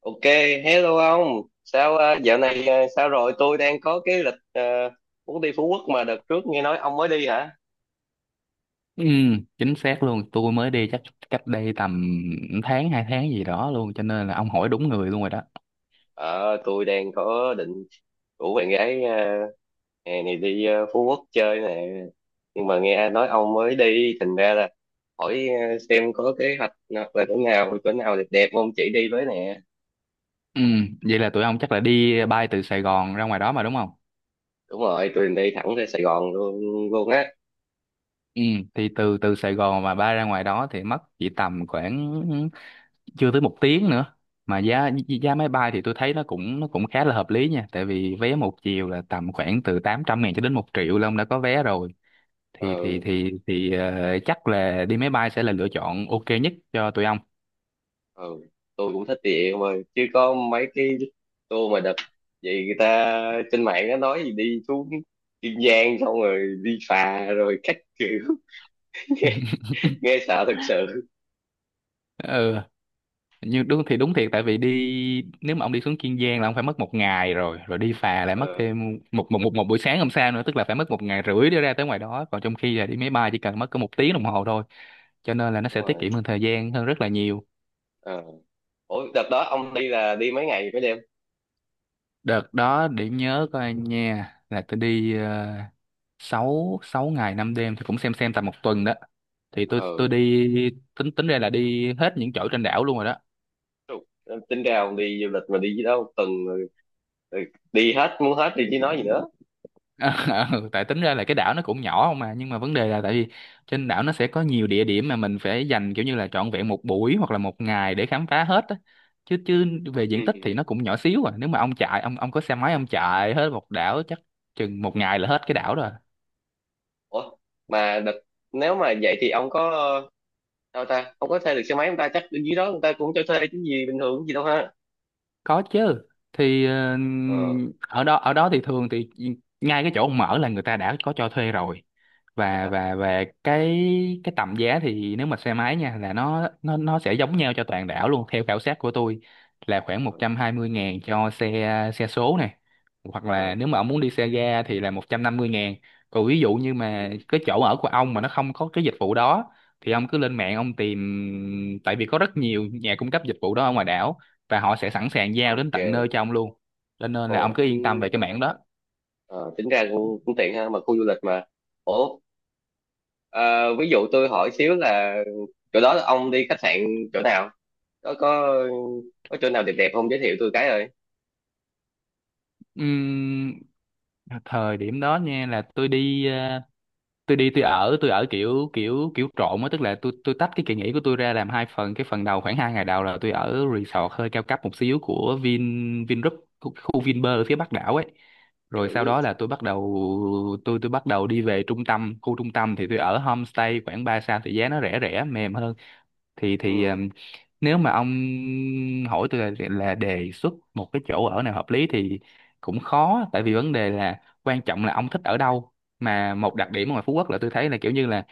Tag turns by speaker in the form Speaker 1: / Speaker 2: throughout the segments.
Speaker 1: Ok, hello ông. Sao dạo này sao rồi? Tôi đang có cái lịch muốn đi Phú Quốc mà đợt trước nghe nói ông mới đi hả?
Speaker 2: Ừ, chính xác luôn. Tôi mới đi chắc cách đây tầm tháng hai tháng gì đó luôn, cho nên là ông hỏi đúng người luôn rồi đó.
Speaker 1: Ờ, tôi đang có định rủ bạn gái hè này đi Phú Quốc chơi nè. Nhưng mà nghe ai nói ông mới đi, thành ra là hỏi xem có kế hoạch nào- là chỗ nào đẹp đẹp ông chỉ đi với nè.
Speaker 2: Ừ, vậy là tụi ông chắc là đi bay từ Sài Gòn ra ngoài đó mà đúng không?
Speaker 1: Đúng rồi, tôi định đi thẳng ra Sài Gòn luôn luôn á.
Speaker 2: ừ, thì từ từ Sài Gòn mà bay ra ngoài đó thì mất chỉ tầm khoảng chưa tới một tiếng nữa. Mà giá giá máy bay thì tôi thấy nó cũng khá là hợp lý nha, tại vì vé một chiều là tầm khoảng từ 800 ngàn cho đến một triệu là ông đã có vé rồi.
Speaker 1: Ừ,
Speaker 2: Chắc là đi máy bay sẽ là lựa chọn ok nhất cho tụi ông.
Speaker 1: ừ tôi cũng thích địa em ơi chứ có mấy cái tour mà đợt vậy người ta trên mạng nó nói gì đi xuống Kiên Giang xong rồi đi phà rồi các kiểu nghe, nghe sợ thật sự.
Speaker 2: Ừ, nhưng đúng thì đúng thiệt, tại vì đi nếu mà ông đi xuống Kiên Giang là ông phải mất một ngày rồi, rồi đi phà lại mất
Speaker 1: Ờ,
Speaker 2: thêm một buổi sáng hôm sau nữa, tức là phải mất một ngày rưỡi để ra tới ngoài đó, còn trong khi là đi máy bay chỉ cần mất có một tiếng đồng hồ thôi. Cho nên là nó
Speaker 1: đúng
Speaker 2: sẽ tiết
Speaker 1: rồi.
Speaker 2: kiệm hơn thời gian hơn rất là nhiều.
Speaker 1: Ờ, ủa đợt đó ông đi là đi mấy ngày mấy đêm?
Speaker 2: Đợt đó điểm nhớ của anh nha, là tôi đi 6 ngày 5 đêm, thì cũng xem tầm một tuần đó. thì tôi
Speaker 1: Ờ,
Speaker 2: tôi đi, tính tính ra là đi hết những chỗ trên đảo luôn rồi đó.
Speaker 1: trục. Tính ra ông đi du lịch mà đi gì đâu một tuần rồi rồi, đi hết muốn hết thì chứ nói gì nữa.
Speaker 2: Ờ, ờ, tại tính ra là cái đảo nó cũng nhỏ không, mà nhưng mà vấn đề là tại vì trên đảo nó sẽ có nhiều địa điểm mà mình phải dành kiểu như là trọn vẹn một buổi hoặc là một ngày để khám phá hết á. Chứ chứ Về diện tích
Speaker 1: Ừ.
Speaker 2: thì nó cũng nhỏ xíu à, nếu mà ông có xe máy ông chạy hết một đảo chắc chừng một ngày là hết cái đảo rồi.
Speaker 1: Ủa mà đợt nếu mà vậy thì ông có đâu ta, không có thuê được xe máy, người ta chắc bên dưới đó người ta cũng cho thuê chứ gì bình thường gì đâu ha?
Speaker 2: Có chứ. Thì ờ,
Speaker 1: Ờ,
Speaker 2: ở đó thì thường thì ngay cái chỗ ông mở là người ta đã có cho thuê rồi. và
Speaker 1: à,
Speaker 2: và và cái tầm giá thì nếu mà xe máy nha, là nó sẽ giống nhau cho toàn đảo luôn theo khảo sát của tôi, là khoảng
Speaker 1: ờ,
Speaker 2: 120 ngàn cho xe xe số này, hoặc
Speaker 1: ờ,
Speaker 2: là nếu mà ông muốn đi xe ga thì là 150 ngàn. Còn ví dụ như mà
Speaker 1: ừ,
Speaker 2: cái chỗ ở của ông mà nó không có cái dịch vụ đó, thì ông cứ lên mạng ông tìm, tại vì có rất nhiều nhà cung cấp dịch vụ đó ở ngoài đảo, và họ sẽ
Speaker 1: à,
Speaker 2: sẵn sàng giao đến
Speaker 1: ok.
Speaker 2: tận nơi cho ông luôn. Cho nên là ông
Speaker 1: Ồ,
Speaker 2: cứ
Speaker 1: ừ,
Speaker 2: yên tâm về cái mảng đó.
Speaker 1: ờ, tính ra cũng, cũng tiện ha, mà khu du lịch mà. Ủa, à, ví dụ tôi hỏi xíu là chỗ đó là ông đi khách sạn chỗ nào, có có có chỗ nào đẹp đẹp không giới thiệu tôi cái rồi.
Speaker 2: Ừm, thời điểm đó nha, là tôi đi tôi ở kiểu kiểu kiểu trộn á, tức là tôi tách cái kỳ nghỉ của tôi ra làm hai phần. Cái phần đầu khoảng hai ngày đầu là tôi ở resort hơi cao cấp một xíu của Vingroup, khu Vinpearl ở phía Bắc đảo ấy. Rồi sau
Speaker 1: Chữ,
Speaker 2: đó là tôi bắt đầu đi về trung tâm. Khu trung tâm thì tôi ở homestay khoảng 3 sao, thì giá nó rẻ rẻ mềm hơn. Thì
Speaker 1: ừ,
Speaker 2: Nếu mà ông hỏi tôi là đề xuất một cái chỗ ở nào hợp lý thì cũng khó, tại vì vấn đề là quan trọng là ông thích ở đâu. Mà một
Speaker 1: à,
Speaker 2: đặc điểm ở ngoài Phú Quốc là tôi thấy là kiểu như là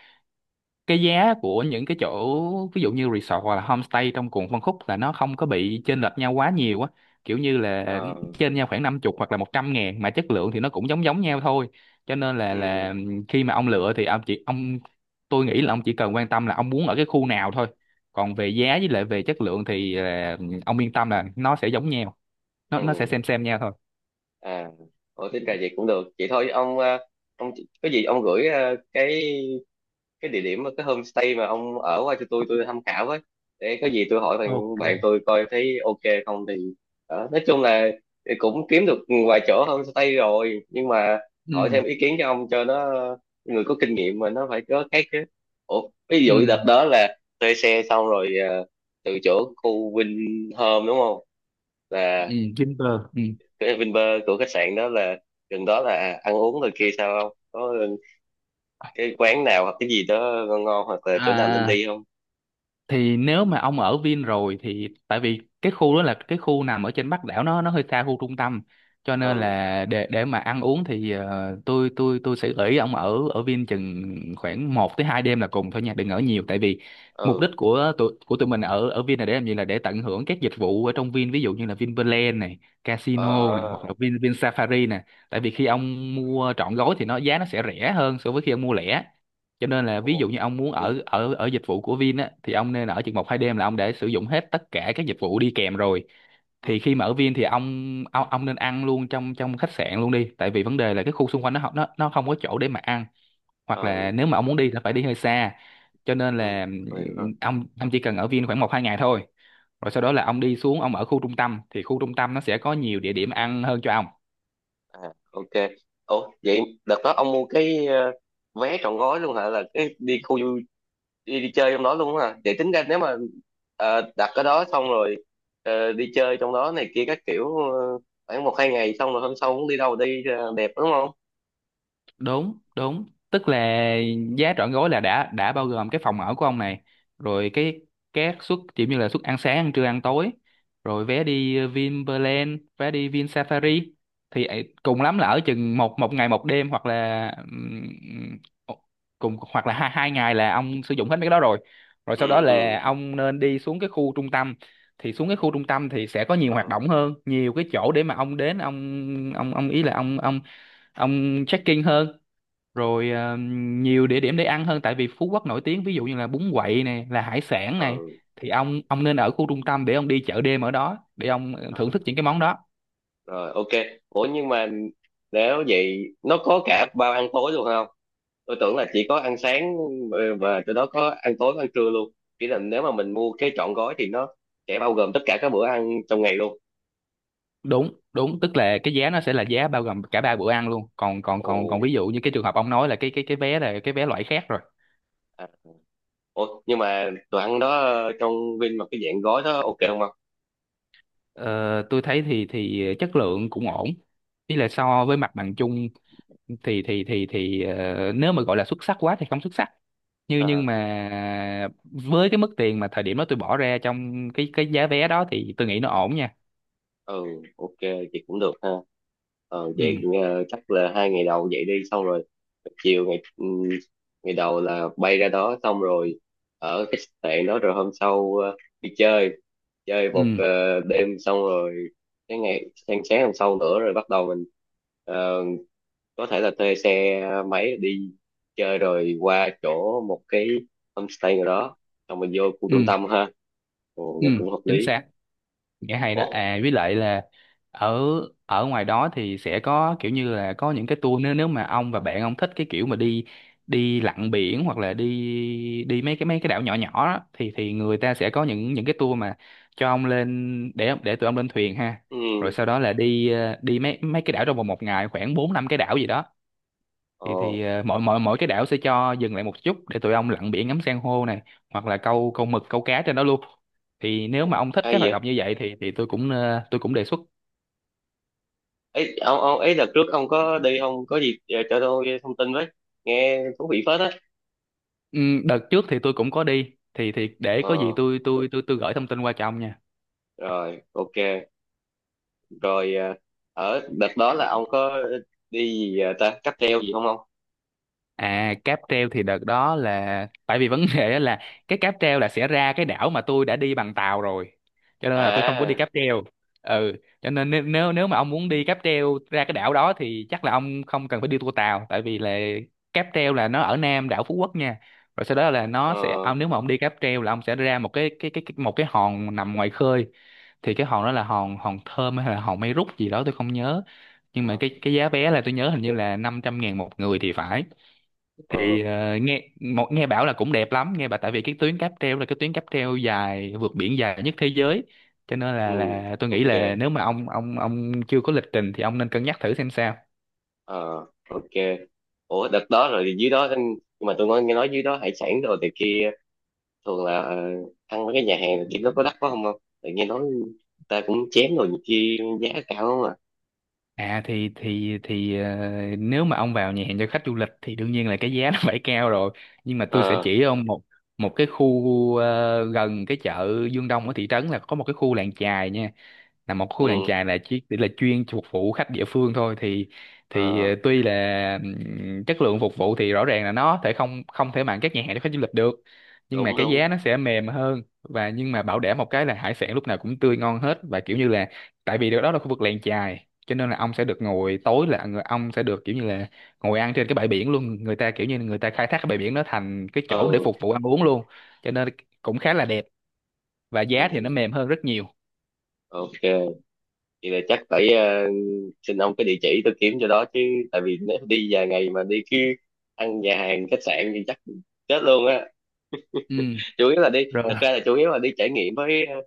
Speaker 2: cái giá của những cái chỗ ví dụ như resort hoặc là homestay trong cùng phân khúc là nó không có bị chênh lệch nhau quá nhiều á, kiểu như là
Speaker 1: ờ,
Speaker 2: trên nhau khoảng năm chục hoặc là 100 ngàn, mà chất lượng thì nó cũng giống giống nhau thôi. Cho nên là
Speaker 1: ừ,
Speaker 2: là khi mà ông lựa thì ông chỉ ông tôi nghĩ là ông chỉ cần quan tâm là ông muốn ở cái khu nào thôi. Còn về giá với lại về chất lượng thì là ông yên tâm là nó sẽ giống nhau, nó sẽ
Speaker 1: ừ,
Speaker 2: xem nhau thôi.
Speaker 1: à, ủa tính ra vậy cũng được vậy thôi ông. À, ông có gì ông gửi, à, cái địa điểm cái homestay mà ông ở qua cho tôi tham khảo với, để có gì tôi hỏi bạn
Speaker 2: Ok.
Speaker 1: bạn tôi coi thấy ok không thì đó. Nói chung là thì cũng kiếm được vài chỗ homestay rồi nhưng mà hỏi
Speaker 2: Ừ.
Speaker 1: thêm ý kiến cho ông cho nó người có kinh nghiệm mà nó phải có cái chứ. Ủa, ví
Speaker 2: Ừ.
Speaker 1: dụ đợt đó là thuê xe xong rồi từ chỗ khu Vinhome đúng không, là
Speaker 2: Ừ Vinpearl ừ.
Speaker 1: cái Vinpearl của khách sạn đó là gần đó là ăn uống rồi kia sao không có cái quán nào hoặc cái gì đó ngon ngon hoặc là chỗ nào nên
Speaker 2: À,
Speaker 1: đi không?
Speaker 2: thì nếu mà ông ở Vin rồi thì tại vì cái khu đó là cái khu nằm ở trên Bắc đảo, nó hơi xa khu trung tâm, cho nên
Speaker 1: Ừ,
Speaker 2: là để mà ăn uống thì ờ, tôi sẽ gợi ý ông ở ở Vin chừng khoảng một tới 2 đêm là cùng thôi nha, đừng ở nhiều. Tại vì mục
Speaker 1: ừ,
Speaker 2: đích của tụi mình ở ở Vin là để làm gì, là để tận hưởng các dịch vụ ở trong Vin, ví dụ như là Vinpearl này, casino này, hoặc
Speaker 1: ờ,
Speaker 2: là Vin Vin Safari này. Tại vì khi ông mua trọn gói thì nó giá nó sẽ rẻ hơn so với khi ông mua lẻ. Cho nên là ví dụ
Speaker 1: ồ,
Speaker 2: như ông muốn
Speaker 1: Huy.
Speaker 2: ở ở ở dịch vụ của Vin á, thì ông nên ở chừng một hai đêm là ông đã sử dụng hết tất cả các dịch vụ đi kèm rồi.
Speaker 1: Ừ,
Speaker 2: Thì khi mà ở Vin thì ông nên ăn luôn trong trong khách sạn luôn đi, tại vì vấn đề là cái khu xung quanh nó không có chỗ để mà ăn, hoặc
Speaker 1: ừ,
Speaker 2: là nếu mà ông muốn đi là phải đi hơi xa. Cho nên
Speaker 1: ừ,
Speaker 2: là
Speaker 1: tôi hiểu rồi.
Speaker 2: ông chỉ cần ở Vin khoảng một hai ngày thôi, rồi sau đó là ông đi xuống ông ở khu trung tâm, thì khu trung tâm nó sẽ có nhiều địa điểm ăn hơn cho ông.
Speaker 1: À, ok. Ủa vậy đợt đó ông mua cái vé trọn gói luôn hả, là cái đi khu du đi, đi chơi trong đó luôn hả, vậy tính ra nếu mà đặt ở đó xong rồi đi chơi trong đó này kia các kiểu khoảng một hai ngày xong rồi hôm sau cũng đi đâu đi đẹp đúng không?
Speaker 2: Đúng đúng, tức là giá trọn gói là đã bao gồm cái phòng ở của ông này, rồi cái các suất kiểu như là suất ăn sáng ăn trưa ăn tối, rồi vé đi Vinpearl, vé đi Vin Safari. Thì ấy, cùng lắm là ở chừng một một ngày một đêm, hoặc là cùng hoặc là hai ngày là ông sử dụng hết mấy cái đó rồi. Rồi
Speaker 1: Ừ,
Speaker 2: sau đó là
Speaker 1: ừ,
Speaker 2: ông nên đi xuống cái khu trung tâm, thì xuống cái khu trung tâm thì sẽ có nhiều
Speaker 1: ờ,
Speaker 2: hoạt động hơn, nhiều cái chỗ để mà ông đến ông ý là ông check-in hơn. Rồi ờ, nhiều địa điểm để ăn hơn, tại vì Phú Quốc nổi tiếng ví dụ như là bún quậy này, là hải sản này.
Speaker 1: ờ,
Speaker 2: Thì ông nên ở khu trung tâm để ông đi chợ đêm ở đó để ông ờ, thưởng thức
Speaker 1: à,
Speaker 2: những cái món đó.
Speaker 1: rồi ok. Ủa nhưng mà nếu vậy nó có cả bao ăn tối luôn không, tôi tưởng là chỉ có ăn sáng. Ờ, và từ đó có ăn tối có ăn trưa luôn, chỉ là nếu mà mình mua cái trọn gói thì nó sẽ bao gồm tất cả các bữa ăn trong ngày luôn.
Speaker 2: Đúng đúng, tức là cái giá nó sẽ là giá bao gồm cả ba bữa ăn luôn. Còn còn
Speaker 1: Ồ,
Speaker 2: còn còn ví dụ như cái trường hợp ông nói là cái cái vé là cái vé loại khác rồi.
Speaker 1: à. Ủa nhưng mà đồ ăn đó trong Vin mà cái dạng gói đó ok không?
Speaker 2: Ờ, tôi thấy thì chất lượng cũng ổn, ý là so với mặt bằng chung. Nếu mà gọi là xuất sắc quá thì không xuất sắc, nhưng
Speaker 1: Không,
Speaker 2: mà với cái mức tiền mà thời điểm đó tôi bỏ ra trong cái giá vé đó thì tôi nghĩ nó ổn nha.
Speaker 1: ừ, ok, chị cũng được ha. Ờ, vậy
Speaker 2: Ừ.
Speaker 1: chắc là hai ngày đầu vậy đi xong rồi, chiều ngày ngày đầu là bay ra đó xong rồi ở khách sạn đó, rồi hôm sau đi chơi chơi một
Speaker 2: Ừ.
Speaker 1: đêm, xong rồi cái ngày sáng sáng hôm sau nữa rồi bắt đầu mình ờ, có thể là thuê xe máy đi chơi rồi qua chỗ một cái homestay nào đó xong mình vô khu
Speaker 2: Ừ.
Speaker 1: trung tâm ha. Ồ,
Speaker 2: Ừ,
Speaker 1: nghe cũng hợp
Speaker 2: chính
Speaker 1: lý.
Speaker 2: xác. Nghĩa hay đó
Speaker 1: Ủa,
Speaker 2: à, với lại là ở ở ngoài đó thì sẽ có kiểu như là có những cái tour, nếu nếu mà ông và bạn ông thích cái kiểu mà đi đi lặn biển, hoặc là đi đi mấy cái đảo nhỏ nhỏ đó, thì người ta sẽ có những cái tour mà cho ông lên để tụi ông lên thuyền ha. Rồi
Speaker 1: ừ,
Speaker 2: sau đó là đi ờ, đi mấy mấy cái đảo trong vòng một ngày, khoảng bốn năm cái đảo gì đó.
Speaker 1: ồ,
Speaker 2: Thì mỗi mỗi mỗi cái đảo sẽ cho dừng lại một chút để tụi ông lặn biển, ngắm san hô này, hoặc là câu câu mực câu cá trên đó luôn. Thì nếu mà ông thích cái
Speaker 1: ai
Speaker 2: hoạt động
Speaker 1: vậy?
Speaker 2: như vậy thì tôi cũng ờ, tôi cũng đề xuất.
Speaker 1: Ấy ông ấy đợt trước ông có đi ông có gì cho tôi thông tin với, nghe thú vị phết á.
Speaker 2: Đợt trước thì tôi cũng có đi, thì để có gì
Speaker 1: Ờ,
Speaker 2: tôi tôi gửi thông tin qua cho ông nha.
Speaker 1: rồi ok. Rồi ở đợt đó là ông có đi gì ta cáp treo gì không ông?
Speaker 2: À, cáp treo thì đợt đó là tại vì vấn đề á, là cái cáp treo là sẽ ra cái đảo mà tôi đã đi bằng tàu rồi, cho nên là tôi không có đi
Speaker 1: À,
Speaker 2: cáp treo. Ừ, cho nên nếu nếu nếu mà ông muốn đi cáp treo ra cái đảo đó thì chắc là ông không cần phải đi tour tàu, tại vì là cáp treo là nó ở Nam đảo Phú Quốc nha. Rồi sau đó là nó sẽ
Speaker 1: ờ,
Speaker 2: ông, nếu mà ông đi cáp treo là ông sẽ ra một cái một cái hòn nằm ngoài khơi. Thì cái hòn đó là hòn hòn Thơm hay là hòn Mây Rút gì đó tôi không nhớ, nhưng mà
Speaker 1: ờ,
Speaker 2: cái giá vé là tôi nhớ hình như là 500 ngàn một người thì phải.
Speaker 1: ờ,
Speaker 2: Thì ờ, nghe bảo là cũng đẹp lắm, nghe bảo tại vì cái tuyến cáp treo là cái tuyến cáp treo dài vượt biển dài nhất thế giới, cho nên
Speaker 1: ừ,
Speaker 2: là tôi nghĩ
Speaker 1: ok.
Speaker 2: là nếu mà ông ông chưa có lịch trình thì ông nên cân nhắc thử xem sao.
Speaker 1: Ờ, ok. Ủa đợt đó rồi dưới đó, nhưng mà tôi nghe, nghe nói dưới đó hải sản rồi thì kia thường là ăn mấy cái nhà hàng thì nó có đắt quá không, không tự nghe nói ta cũng chém rồi nhiều khi giá cao không à?
Speaker 2: À thì ờ, nếu mà ông vào nhà hàng cho khách du lịch thì đương nhiên là cái giá nó phải cao rồi. Nhưng mà tôi sẽ
Speaker 1: Ờ,
Speaker 2: chỉ ông một một cái khu ờ, gần cái chợ Dương Đông ở thị trấn là có một cái khu làng chài nha, là một khu làng
Speaker 1: ừ.
Speaker 2: chài là chỉ là chuyên phục vụ khách địa phương thôi. Thì
Speaker 1: Ờ,
Speaker 2: ờ, tuy là chất lượng phục vụ thì rõ ràng là nó thể không không thể bằng các nhà hàng cho khách du lịch được, nhưng mà
Speaker 1: đúng
Speaker 2: cái
Speaker 1: đúng.
Speaker 2: giá nó sẽ mềm hơn, và nhưng mà bảo đảm một cái là hải sản lúc nào cũng tươi ngon hết, và kiểu như là tại vì đó là khu vực làng chài, cho nên là ông sẽ được ngồi tối là người ông sẽ được kiểu như là ngồi ăn trên cái bãi biển luôn. Người ta kiểu như người ta khai thác cái bãi biển nó thành cái
Speaker 1: Ờ,
Speaker 2: chỗ để phục vụ ăn uống luôn. Cho nên cũng khá là đẹp, và
Speaker 1: ừ,
Speaker 2: giá thì nó mềm hơn rất nhiều.
Speaker 1: ok. Vậy là chắc phải xin ông cái địa chỉ tôi kiếm cho đó chứ, tại vì nếu đi vài ngày mà đi cứ ăn nhà hàng khách sạn thì chắc chết luôn á.
Speaker 2: Ừ.
Speaker 1: Chủ yếu là đi,
Speaker 2: Rồi.
Speaker 1: thật ra là chủ yếu là đi trải nghiệm với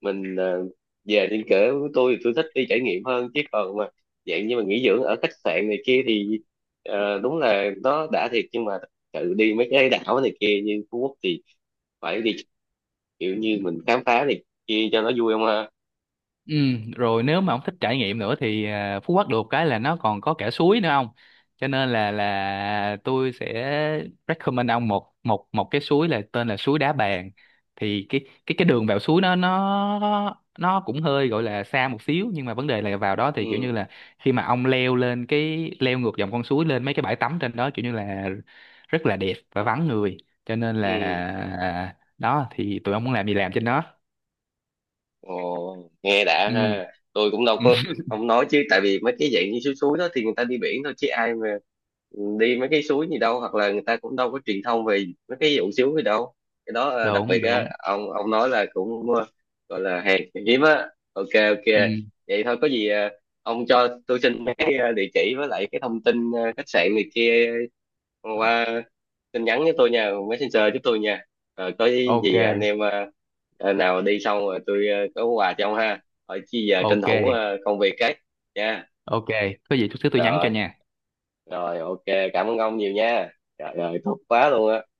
Speaker 1: mình về trên cỡ của tôi thì tôi thích đi trải nghiệm hơn, chứ còn mà dạng như mà nghỉ dưỡng ở khách sạn này kia thì đúng là nó đã thiệt, nhưng mà tự đi mấy cái đảo này kia như Phú Quốc thì phải đi kiểu như mình khám phá này kia cho nó vui không ha.
Speaker 2: Ừ, rồi nếu mà ông thích trải nghiệm nữa thì à, Phú Quốc được cái là nó còn có cả suối nữa không? Cho nên là tôi sẽ recommend ông một một một cái suối là tên là suối Đá Bàn. Thì cái cái đường vào suối nó nó cũng hơi gọi là xa một xíu, nhưng mà vấn đề là vào đó thì kiểu như
Speaker 1: Ừ,
Speaker 2: là khi mà ông leo lên leo ngược dòng con suối lên mấy cái bãi tắm trên đó kiểu như là rất là đẹp và vắng người. Cho nên là
Speaker 1: ừ.
Speaker 2: à, đó thì tụi ông muốn làm gì làm trên đó.
Speaker 1: Ồ, nghe đã
Speaker 2: Ừ,
Speaker 1: ha, tôi cũng đâu
Speaker 2: ừ,
Speaker 1: có không nói chứ, tại vì mấy cái dạng như suối suối đó thì người ta đi biển thôi chứ ai mà đi mấy cái suối gì đâu, hoặc là người ta cũng đâu có truyền thông về mấy cái vụ xíu gì đâu. Cái đó đặc biệt
Speaker 2: đúng đúng.
Speaker 1: á, ông nói là cũng gọi là hàng hiếm á, ok ok.
Speaker 2: Ừ.
Speaker 1: Vậy thôi có gì ông cho tôi xin cái địa chỉ với lại cái thông tin khách sạn này kia qua tin nhắn với tôi nha, messenger giúp tôi nha. Rồi có
Speaker 2: Ok.
Speaker 1: gì anh em nào đi xong rồi tôi có quà cho ông ha. Rồi chi giờ tranh
Speaker 2: Ok
Speaker 1: thủ công việc cái nha.
Speaker 2: ok. Có gì chút xíu tôi nhắn cho
Speaker 1: Rồi,
Speaker 2: nha.
Speaker 1: rồi ok, cảm ơn ông nhiều nha. Trời ơi thích quá luôn á.